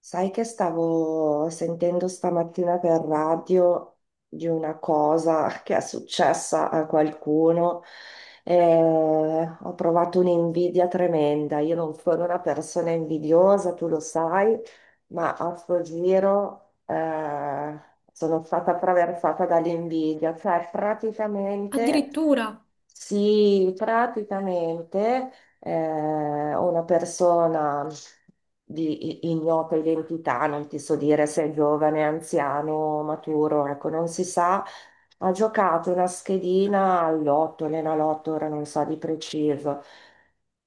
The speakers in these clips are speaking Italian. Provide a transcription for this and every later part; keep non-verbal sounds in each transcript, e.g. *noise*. Sai che stavo sentendo stamattina per radio di una cosa *laughs* che è successa a qualcuno e ho provato un'invidia tremenda. Io non sono una persona invidiosa, tu lo sai, ma a sto giro sono stata attraversata dall'invidia. Cioè, praticamente Addirittura sì, praticamente una persona di ignota identità, non ti so dire se è giovane, anziano, maturo, ecco, non si sa, ha giocato una schedina all'otto, l'enalotto, ora non so di preciso,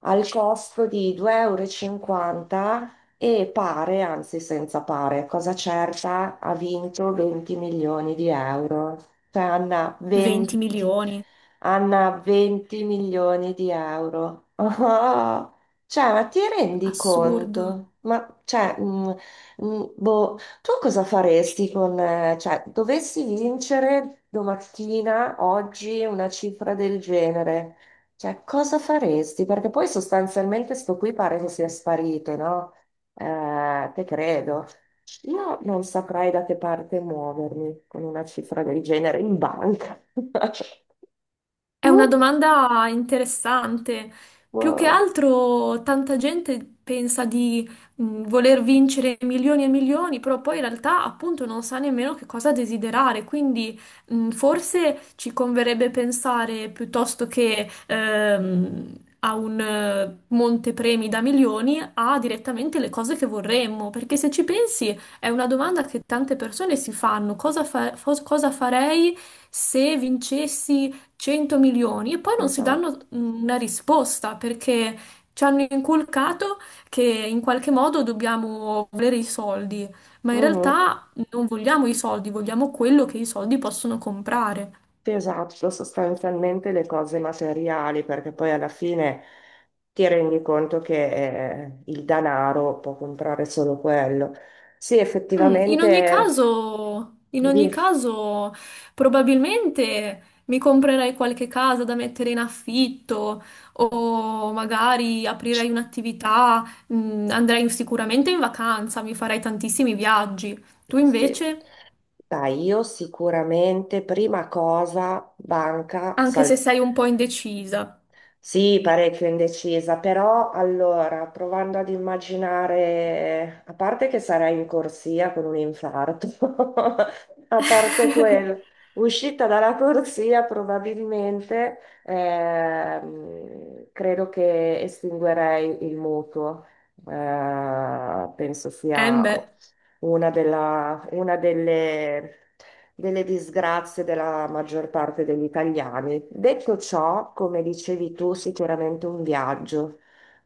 al costo di 2,50 euro e cinquanta e pare, anzi senza pare, cosa certa, ha vinto 20 milioni di euro. Cioè, Anna, 20 20. milioni, Anna, 20 milioni di euro. Oh, cioè, ma ti rendi assurdo. conto? Ma, cioè, boh, tu cosa faresti con, cioè, dovessi vincere domattina, oggi, una cifra del genere? Cioè, cosa faresti? Perché poi sostanzialmente sto qui pare che sia sparito, no? Te credo. Io non saprei da che parte muovermi con una cifra del genere in banca. *laughs* È Tu? una domanda interessante. Più che Uh, altro, tanta gente pensa di voler vincere milioni e milioni, però poi in realtà, appunto, non sa nemmeno che cosa desiderare. Quindi, forse ci converrebbe pensare piuttosto che a un montepremi da milioni, a direttamente le cose che vorremmo. Perché se ci pensi, è una domanda che tante persone si fanno: cosa farei se vincessi? 100 milioni e poi non si danno esatto. Una risposta perché ci hanno inculcato che in qualche modo dobbiamo volere i soldi, ma in Mhm. realtà non vogliamo i soldi, vogliamo quello che i soldi possono comprare. Sì, esatto, sostanzialmente le cose materiali, perché poi alla fine ti rendi conto che il denaro può comprare solo quello. Sì, In ogni effettivamente, caso, in ogni di- caso, probabilmente mi comprerei qualche casa da mettere in affitto o magari aprirei un'attività, andrei sicuramente in vacanza, mi farei tantissimi viaggi. Tu sì. invece, Dai, io sicuramente prima cosa, banca, anche se salvo. sei un po' indecisa. Sì, parecchio indecisa, però allora, provando ad immaginare, a parte che sarai in corsia con un infarto, *laughs* a parte quello, *laughs* uscita dalla corsia probabilmente, credo che estinguerei il mutuo. Penso Eh sia beh, una delle disgrazie della maggior parte degli italiani. Detto ciò, come dicevi tu, sicuramente un viaggio.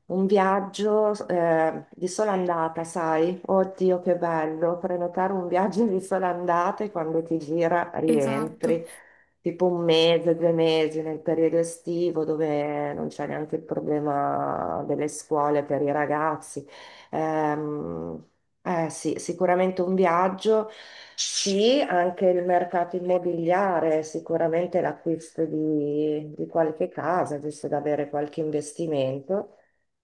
Un viaggio di sola andata, sai? Oddio, che bello! Prenotare un viaggio di sola andata e quando ti gira rientri. esatto. Tipo un mese, 2 mesi nel periodo estivo dove non c'è neanche il problema delle scuole per i ragazzi. Ehm, eh sì, sicuramente un viaggio, sì, anche il mercato immobiliare, sicuramente l'acquisto di qualche casa, giusto da avere qualche investimento.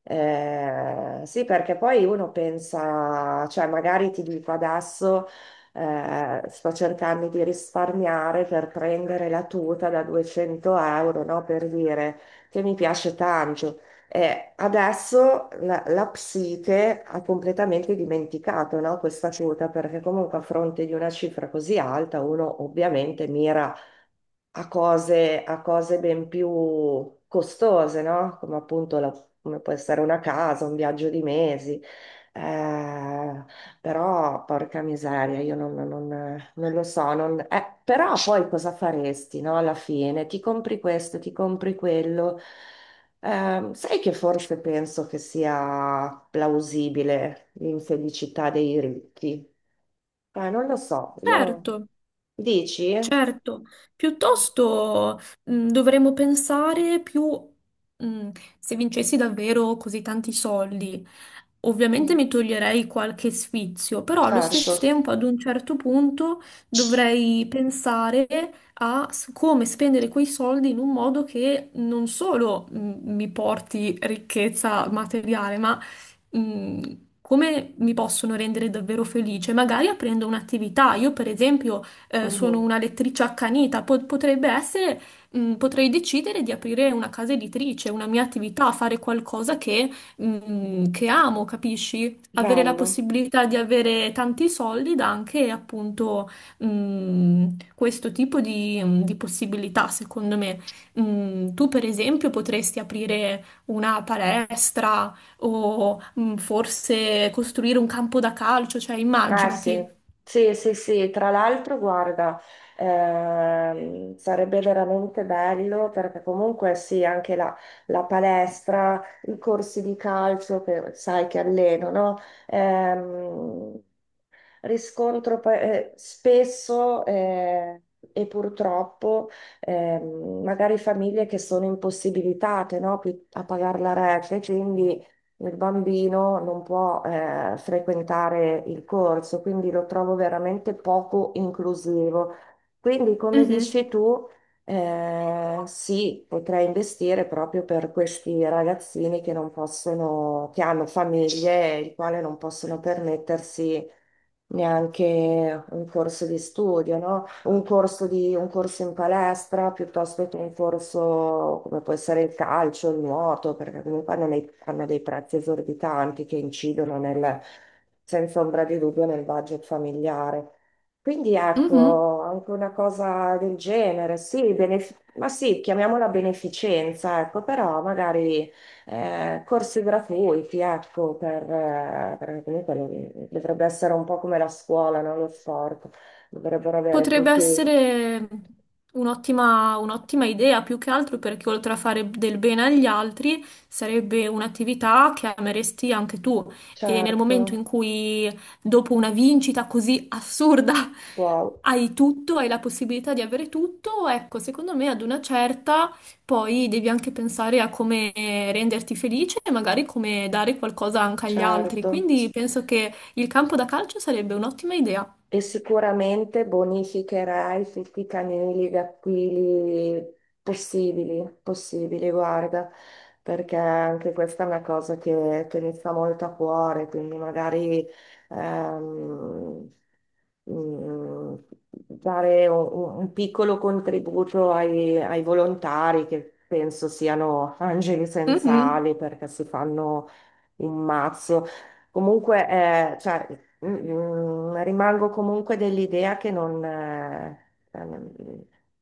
Eh sì, perché poi uno pensa, cioè magari ti dico adesso sto cercando di risparmiare per prendere la tuta da 200 euro, no? Per dire che mi piace tanto. Adesso la psiche ha completamente dimenticato, no, questa quota, perché comunque a fronte di una cifra così alta uno ovviamente mira a cose ben più costose, no? Come appunto come può essere una casa, un viaggio di mesi. Eh, però, porca miseria, io non lo so. Però poi cosa faresti, no? Alla fine ti compri questo, ti compri quello. Sai che forse penso che sia plausibile l'infelicità dei ricchi? Non lo so, io... Certo. Dici? Certo, piuttosto dovremmo pensare più mh, se vincessi davvero così tanti soldi. Ovviamente Mm, mi toglierei qualche sfizio, però allo stesso certo. tempo ad un certo punto dovrei pensare a come spendere quei soldi in un modo che non solo mi porti ricchezza materiale, ma come mi possono rendere davvero felice, magari aprendo un'attività. Io, per esempio, sono Mhm. una lettrice accanita, potrebbe essere, potrei decidere di aprire una casa editrice, una mia attività, fare qualcosa che amo, capisci? Avere la Bello. possibilità di avere tanti soldi dà anche appunto, mh, questo tipo di, di possibilità, secondo me. Tu, per esempio, potresti aprire una palestra o, forse costruire un campo da calcio, cioè Ah sì, immaginati. sì, sì, sì. Tra l'altro, guarda, sarebbe veramente bello perché comunque sì, anche la palestra, i corsi di calcio che sai che alleno, no? Ehm, Riscontro spesso e purtroppo magari famiglie che sono impossibilitate, no, a pagare la rete, quindi il bambino non può frequentare il corso, quindi lo trovo veramente poco inclusivo. Quindi, come Mhm. dici tu, sì, potrei investire proprio per questi ragazzini che non possono, che hanno famiglie, i quali non possono permettersi neanche un corso di studio, no? Un corso in palestra piuttosto che un corso come può essere il calcio, il nuoto, perché comunque hanno dei prezzi esorbitanti che incidono nel, senza ombra di dubbio nel budget familiare. Quindi Mhm. ecco, anche una cosa del genere, sì, ma sì, chiamiamola beneficenza, ecco, però magari corsi gratuiti, ecco, per, perché comunque dovrebbe essere un po' come la scuola, no? Lo sport, dovrebbero avere Potrebbe tutti, essere un'ottima idea, più che altro perché oltre a fare del bene agli altri, sarebbe un'attività che ameresti anche tu. E nel momento in certo, cui, dopo una vincita così assurda, wow, *laughs* hai tutto, hai la possibilità di avere tutto, ecco, secondo me ad una certa poi devi anche pensare a come renderti felice e magari come dare qualcosa anche agli altri. certo. Quindi penso che il campo da calcio sarebbe un'ottima idea. E sicuramente bonificherai tutti i fitti canili, i aquili possibili, possibili, guarda, perché anche questa è una cosa che mi sta molto a cuore, quindi magari ehm, mm, dare un piccolo contributo ai volontari che penso siano angeli senza Mhm. ali perché si fanno un mazzo. Comunque, cioè, rimango comunque dell'idea che non, eh, ehm,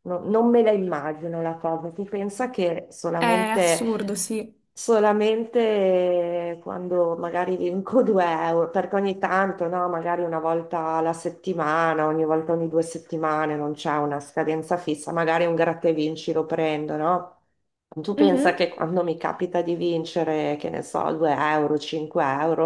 no- non me la immagino la cosa. Si pensa che È solamente, assurdo, sì. Quando magari vinco *laughs* 2 euro, perché ogni tanto, no, magari una volta alla settimana, ogni volta ogni 2 settimane, non c'è una scadenza fissa, magari un gratta e vinci lo prendo, no? Tu pensa Mhm. che quando mi capita di vincere, che ne so, 2 euro, 5 euro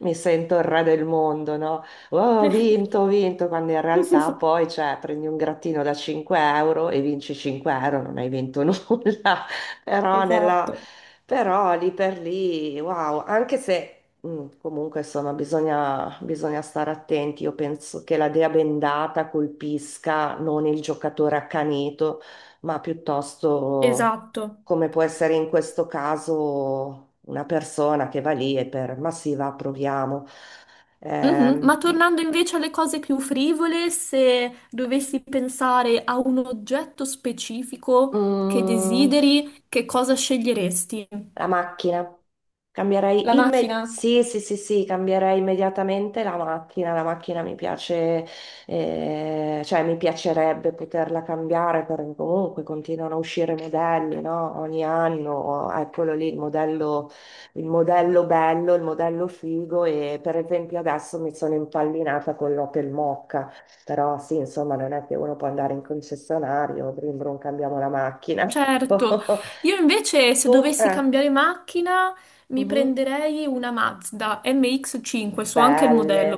mi sento il re del mondo, no? Oh, ho vinto, quando in realtà *laughs* poi, cioè, prendi un grattino da 5 euro e vinci 5 euro, non hai vinto *laughs* nulla, però, Esatto. però lì per lì, wow, anche se comunque insomma bisogna stare attenti, io penso che la dea bendata colpisca non il giocatore accanito, ma piuttosto Esatto. come può essere in questo caso una persona che va lì e per, ma sì, va, proviamo. Mhm. Ma Ehm, tornando invece alle cose più frivole, se dovessi pensare a un oggetto specifico che mm, desideri, che cosa sceglieresti? La macchina. La macchina? Sì, sì, sì, sì, cambierei immediatamente la macchina. La macchina mi piace, cioè mi piacerebbe poterla cambiare perché comunque continuano a uscire modelli, no? Ogni anno, eccolo lì il modello bello, il modello figo e per esempio adesso mi sono impallinata con l'Opel Mokka, però sì, insomma, non è che uno può andare in concessionario, brum brum, cambiamo la macchina. *laughs* Certo, io invece se Tu? dovessi cambiare macchina mi Mhm. prenderei una Mazda MX-5, so anche il Belle. modello.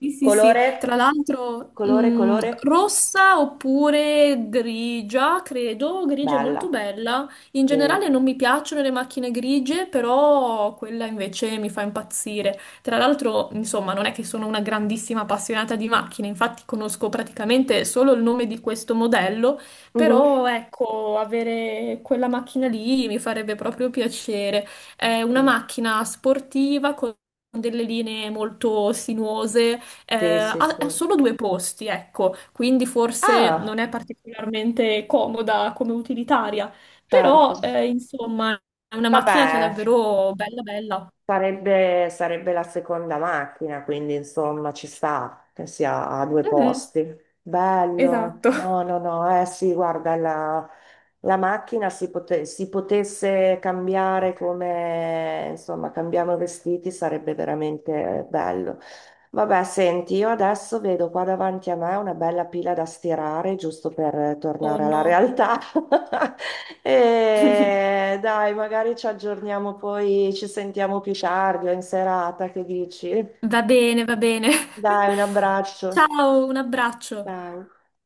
Sì, sì, sì, tra Colore? l'altro Colore, colore? rossa oppure grigia, credo, grigia è molto Bella. bella. In Sì. generale non mi piacciono le macchine grigie, però quella invece mi fa impazzire. Tra l'altro, insomma, non è che sono una grandissima appassionata di macchine, infatti conosco praticamente solo il nome di questo modello. Mhm. Però ecco, avere quella macchina lì mi farebbe proprio piacere. È una Sì, macchina sportiva con delle linee molto sinuose, sì, sì, sì. ha solo due posti, ecco, quindi forse non Ah, è particolarmente comoda come utilitaria, certo. però insomma è una macchina che è Vabbè, davvero bella bella. sarebbe la seconda macchina, quindi insomma ci sta che sia a due Mhm, posti. Bello. Eh. esatto. No, no, no. Eh sì, guarda, la macchina si potesse cambiare come, insomma, cambiamo i vestiti, sarebbe veramente bello. Vabbè, senti, io adesso vedo qua davanti a me una bella pila da stirare, giusto per Oh tornare alla no. realtà. *laughs* *laughs* E dai, magari ci aggiorniamo poi, ci sentiamo più tardi o in serata, che dici? Va bene, va bene. Dai, un *laughs* abbraccio. Ciao, un abbraccio. Ciao.